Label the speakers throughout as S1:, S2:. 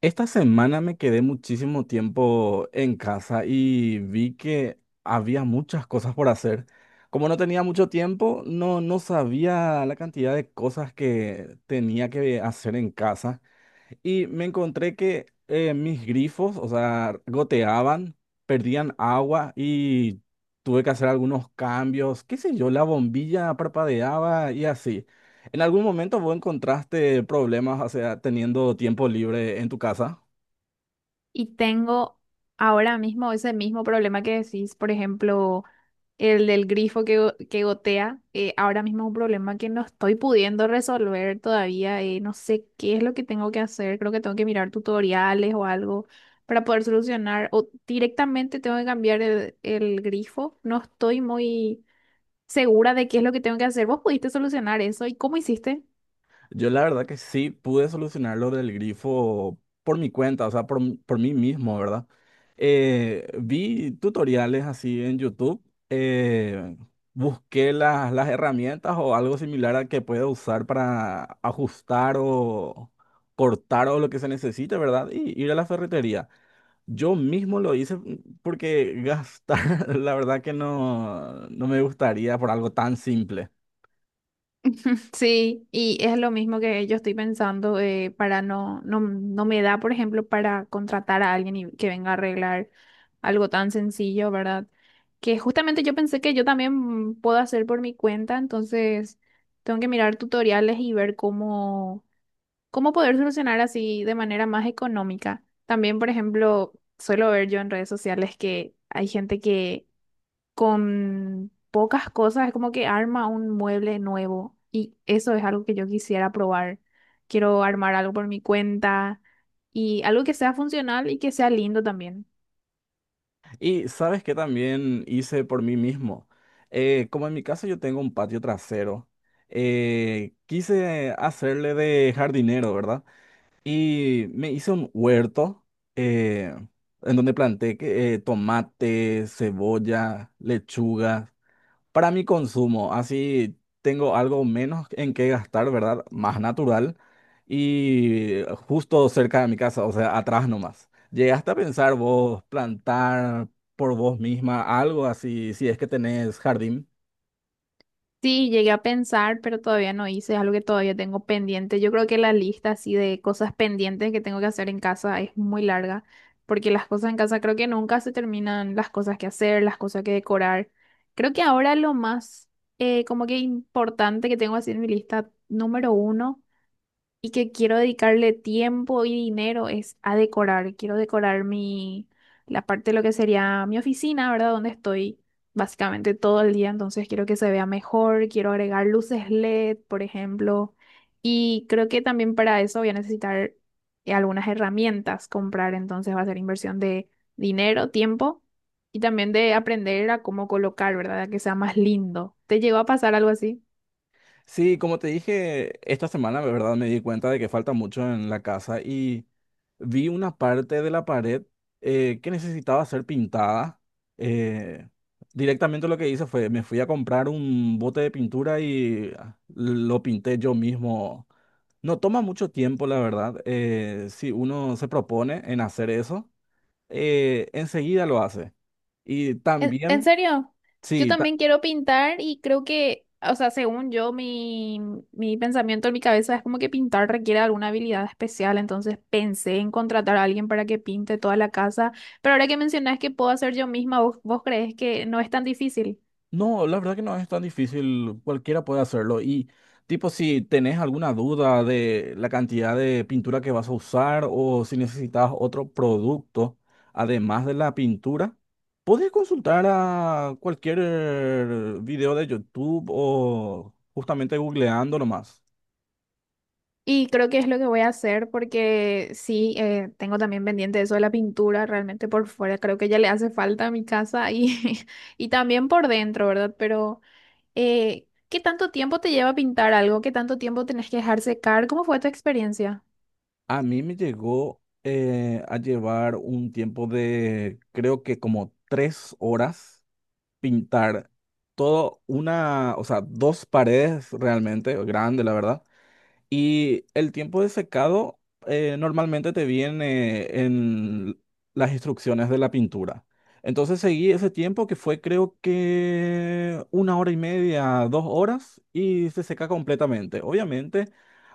S1: Esta semana me quedé muchísimo tiempo en casa y vi que había muchas cosas por hacer. Como no tenía mucho tiempo, no sabía la cantidad de cosas que tenía que hacer en casa y me encontré que mis grifos, o sea, goteaban, perdían agua y tuve que hacer algunos cambios, qué sé yo, la bombilla parpadeaba y así. ¿En algún momento vos encontraste problemas, o sea, teniendo tiempo libre en tu casa?
S2: Y tengo ahora mismo ese mismo problema que decís, por ejemplo, el del grifo que gotea. Ahora mismo es un problema que no estoy pudiendo resolver todavía. No sé qué es lo que tengo que hacer. Creo que tengo que mirar tutoriales o algo para poder solucionar. O directamente tengo que cambiar el grifo. No estoy muy segura de qué es lo que tengo que hacer. ¿Vos pudiste solucionar eso? ¿Y cómo hiciste?
S1: Yo la verdad que sí pude solucionar lo del grifo por mi cuenta, o sea, por, por mí mismo, ¿verdad? Vi tutoriales así en YouTube, eh, busqué las herramientas o algo similar a que pueda usar para ajustar o cortar o lo que se necesite, ¿verdad? Y ir a la ferretería. Yo mismo lo hice, mm, porque gastar, la verdad que no, no me gustaría por algo tan simple.
S2: Sí, y es lo mismo que yo estoy pensando, para no, no, no me da, por ejemplo, para contratar a alguien y que venga a arreglar algo tan sencillo, ¿verdad? Que justamente yo pensé que yo también puedo hacer por mi cuenta, entonces tengo que mirar tutoriales y ver cómo, cómo poder solucionar así de manera más económica. También, por ejemplo, suelo ver yo en redes sociales que hay gente que con pocas cosas, es como que arma un mueble nuevo y eso es algo que yo quisiera probar. Quiero armar algo por mi cuenta y algo que sea funcional y que sea lindo también.
S1: Y sabes que también hice por mí mismo. Como en mi casa yo tengo un patio trasero, quise hacerle de jardinero, ¿verdad? Y me hice un huerto eh, en donde planté tomate, cebolla, lechuga. Para mi consumo, así tengo algo menos en qué gastar, ¿verdad? Más natural y justo cerca de mi casa, o sea, atrás nomás. ¿Llegaste a pensar vos plantar por vos misma algo así, si es que tenés jardín?
S2: Sí, llegué a pensar, pero todavía no hice, es algo que todavía tengo pendiente. Yo creo que la lista así de cosas pendientes que tengo que hacer en casa es muy larga, porque las cosas en casa creo que nunca se terminan, las cosas que hacer, las cosas que decorar. Creo que ahora lo más como que importante que tengo así en mi lista número uno y que quiero dedicarle tiempo y dinero es a decorar. Quiero decorar mi, la parte de lo que sería mi oficina, ¿verdad? Donde estoy básicamente todo el día, entonces quiero que se vea mejor, quiero agregar luces LED, por ejemplo, y creo que también para eso voy a necesitar algunas herramientas comprar, entonces va a ser inversión de dinero, tiempo. Y también de aprender a cómo colocar, ¿verdad? A que sea más lindo. ¿Te llegó a pasar algo así?
S1: Sí, como te dije, esta semana, la verdad, me di cuenta de que falta mucho en la casa y vi una parte de la pared que necesitaba ser pintada. Eh, Directamente lo que hice fue, me fui a comprar un bote de pintura y lo pinté yo mismo. No toma mucho tiempo, la verdad. Si uno se propone en hacer eso, enseguida lo hace. Y
S2: En
S1: también,
S2: serio, yo
S1: sí.
S2: también quiero pintar y creo que, o sea, según yo, mi pensamiento en mi cabeza es como que pintar requiere alguna habilidad especial, entonces pensé en contratar a alguien para que pinte toda la casa, pero ahora que mencionas que puedo hacer yo misma, ¿vos crees que no es tan difícil?
S1: No, la verdad que no es tan difícil, cualquiera puede hacerlo. Y tipo, si tenés alguna duda de la cantidad de pintura que vas a usar o si necesitas otro producto además de la pintura, puedes consultar a cualquier video de YouTube o justamente googleando nomás.
S2: Y creo que es lo que voy a hacer porque sí, tengo también pendiente eso de la pintura, realmente por fuera creo que ya le hace falta a mi casa y, y también por dentro, ¿verdad? Pero... ¿qué tanto tiempo te lleva pintar algo? ¿Qué tanto tiempo tenés que dejar secar? ¿Cómo fue tu experiencia?
S1: A mí me llegó a llevar un tiempo de creo que como tres horas pintar todo una, o sea, dos paredes realmente, grande, la verdad. Y el tiempo de secado normalmente te viene en las instrucciones de la pintura. Entonces seguí ese tiempo que fue creo que una hora y media, dos horas y se seca completamente. Obviamente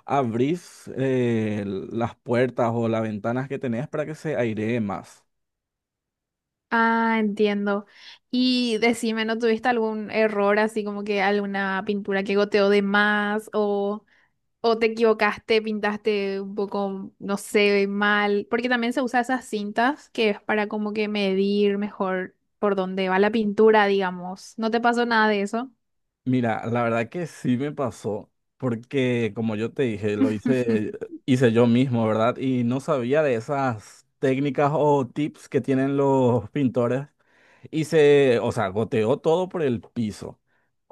S1: abrís las puertas o las ventanas que tenés para que se airee más.
S2: Ah, entiendo. Y decime, ¿no tuviste algún error así como que alguna pintura que goteó de más o te equivocaste, pintaste un poco, no sé, mal? Porque también se usa esas cintas que es para como que medir mejor por dónde va la pintura, digamos. ¿No te pasó nada de eso?
S1: Mira, la verdad que sí me pasó, porque como yo te dije, lo hice, hice yo mismo, ¿verdad? Y no sabía de esas técnicas o tips que tienen los pintores. Hice, o sea, goteó todo por el piso.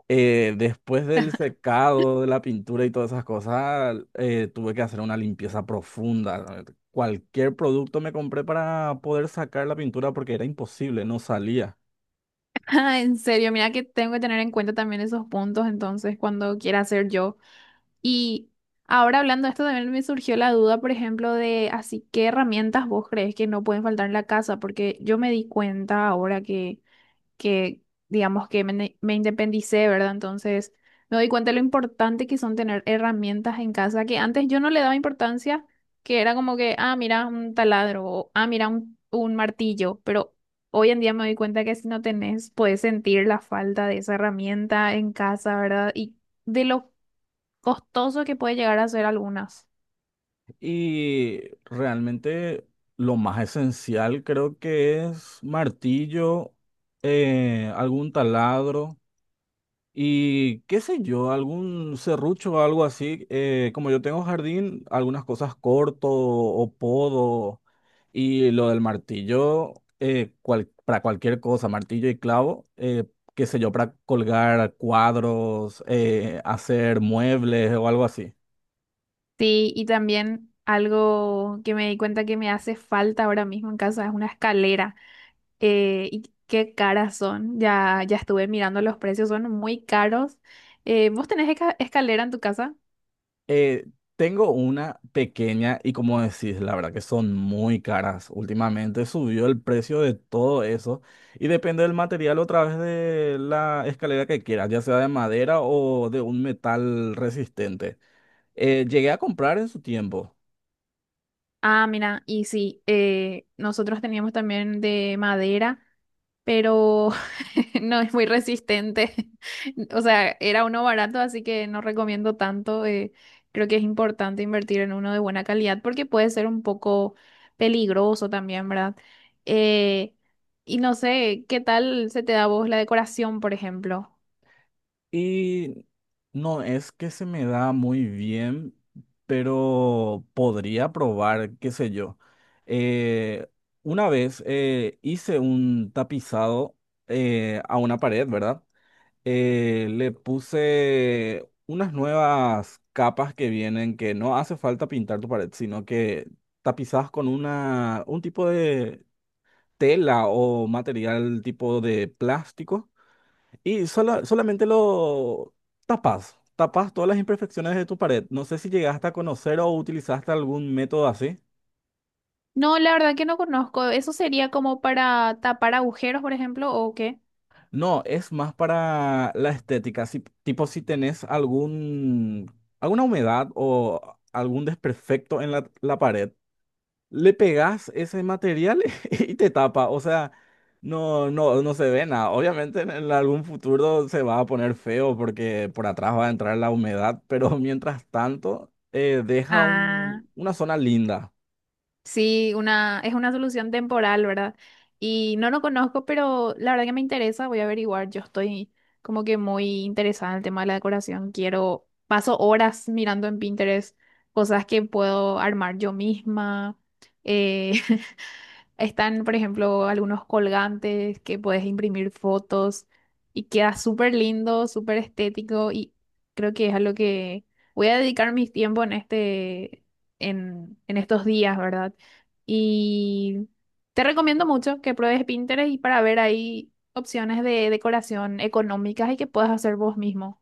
S1: Después del secado de la pintura y todas esas cosas, tuve que hacer una limpieza profunda. Cualquier producto me compré para poder sacar la pintura porque era imposible, no salía.
S2: Ah, en serio, mira que tengo que tener en cuenta también esos puntos entonces cuando quiera hacer yo. Y ahora hablando de esto, también me surgió la duda, por ejemplo, de así, ¿qué herramientas vos crees que no pueden faltar en la casa? Porque yo me di cuenta ahora que digamos que me independicé, ¿verdad? Entonces, me doy cuenta de lo importante que son tener herramientas en casa, que antes yo no le daba importancia, que era como que, ah, mira, un taladro, o ah, mira, un martillo, pero hoy en día me doy cuenta que si no tenés, puedes sentir la falta de esa herramienta en casa, ¿verdad? Y de lo costoso que puede llegar a ser algunas.
S1: Y realmente lo más esencial creo que es martillo, algún taladro y qué sé yo, algún serrucho o algo así. Como yo tengo jardín, algunas cosas corto o podo y lo del martillo para cualquier cosa, martillo y clavo, qué sé yo, para colgar cuadros, hacer muebles o algo así.
S2: Sí, y también algo que me di cuenta que me hace falta ahora mismo en casa es una escalera. Y qué caras son. Ya estuve mirando los precios, son muy caros. ¿Vos tenés escalera en tu casa?
S1: Eh, Tengo una pequeña y como decís, la verdad que son muy caras. Últimamente subió el precio de todo eso y depende del material otra vez de la escalera que quieras, ya sea de madera o de un metal resistente. Llegué a comprar en su tiempo.
S2: Ah, mira, y sí, nosotros teníamos también de madera, pero no es muy resistente. O sea, era uno barato, así que no recomiendo tanto. Creo que es importante invertir en uno de buena calidad porque puede ser un poco peligroso también, ¿verdad? Eh, y no sé, ¿qué tal se te da a vos la decoración, por ejemplo?
S1: Y no es que se me da muy bien, pero podría probar, qué sé yo. Eh, una vez hice un tapizado a una pared, ¿verdad? Le puse unas nuevas capas que vienen, que no hace falta pintar tu pared, sino que tapizás con una, un tipo de tela o material tipo de plástico y solamente lo tapas, todas las imperfecciones de tu pared. No sé si llegaste a conocer o utilizaste algún método así.
S2: No, la verdad que no conozco. ¿Eso sería como para tapar agujeros, por ejemplo, o qué?
S1: No, es más para la estética. Si, tipo si tenés algún, alguna humedad o algún desperfecto en la pared, le pegas ese material y te tapa. O sea, no se ve nada. Obviamente en algún futuro se va a poner feo porque por atrás va a entrar la humedad, pero mientras tanto deja
S2: Ah.
S1: una zona linda.
S2: Sí, una, es una solución temporal, ¿verdad? Y no lo conozco, pero la verdad que me interesa, voy a averiguar. Yo estoy como que muy interesada en el tema de la decoración. Quiero, paso horas mirando en Pinterest cosas que puedo armar yo misma. eh, Están, por ejemplo, algunos colgantes que puedes imprimir fotos y queda súper lindo, súper estético y creo que es a lo que voy a dedicar mi tiempo en este, en estos días, ¿verdad? Y te recomiendo mucho que pruebes Pinterest y para ver ahí opciones de decoración económicas y que puedas hacer vos mismo.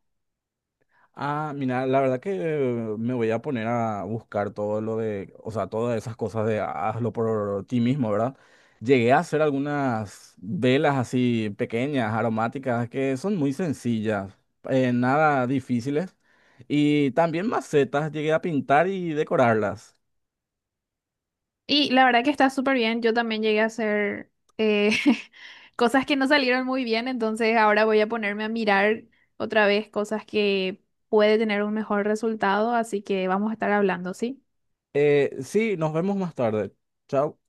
S1: Ah, mira, la verdad que me voy a poner a buscar todo lo de, o sea, todas esas cosas de hazlo por ti mismo, ¿verdad? Llegué a hacer algunas velas así pequeñas, aromáticas, que son muy sencillas, nada difíciles. Y también macetas, llegué a pintar y decorarlas.
S2: Y la verdad que está súper bien. Yo también llegué a hacer eh, cosas que no salieron muy bien, entonces ahora voy a ponerme a mirar otra vez cosas que puede tener un mejor resultado, así que vamos a estar hablando, ¿sí?
S1: Sí, nos vemos más tarde. Chao.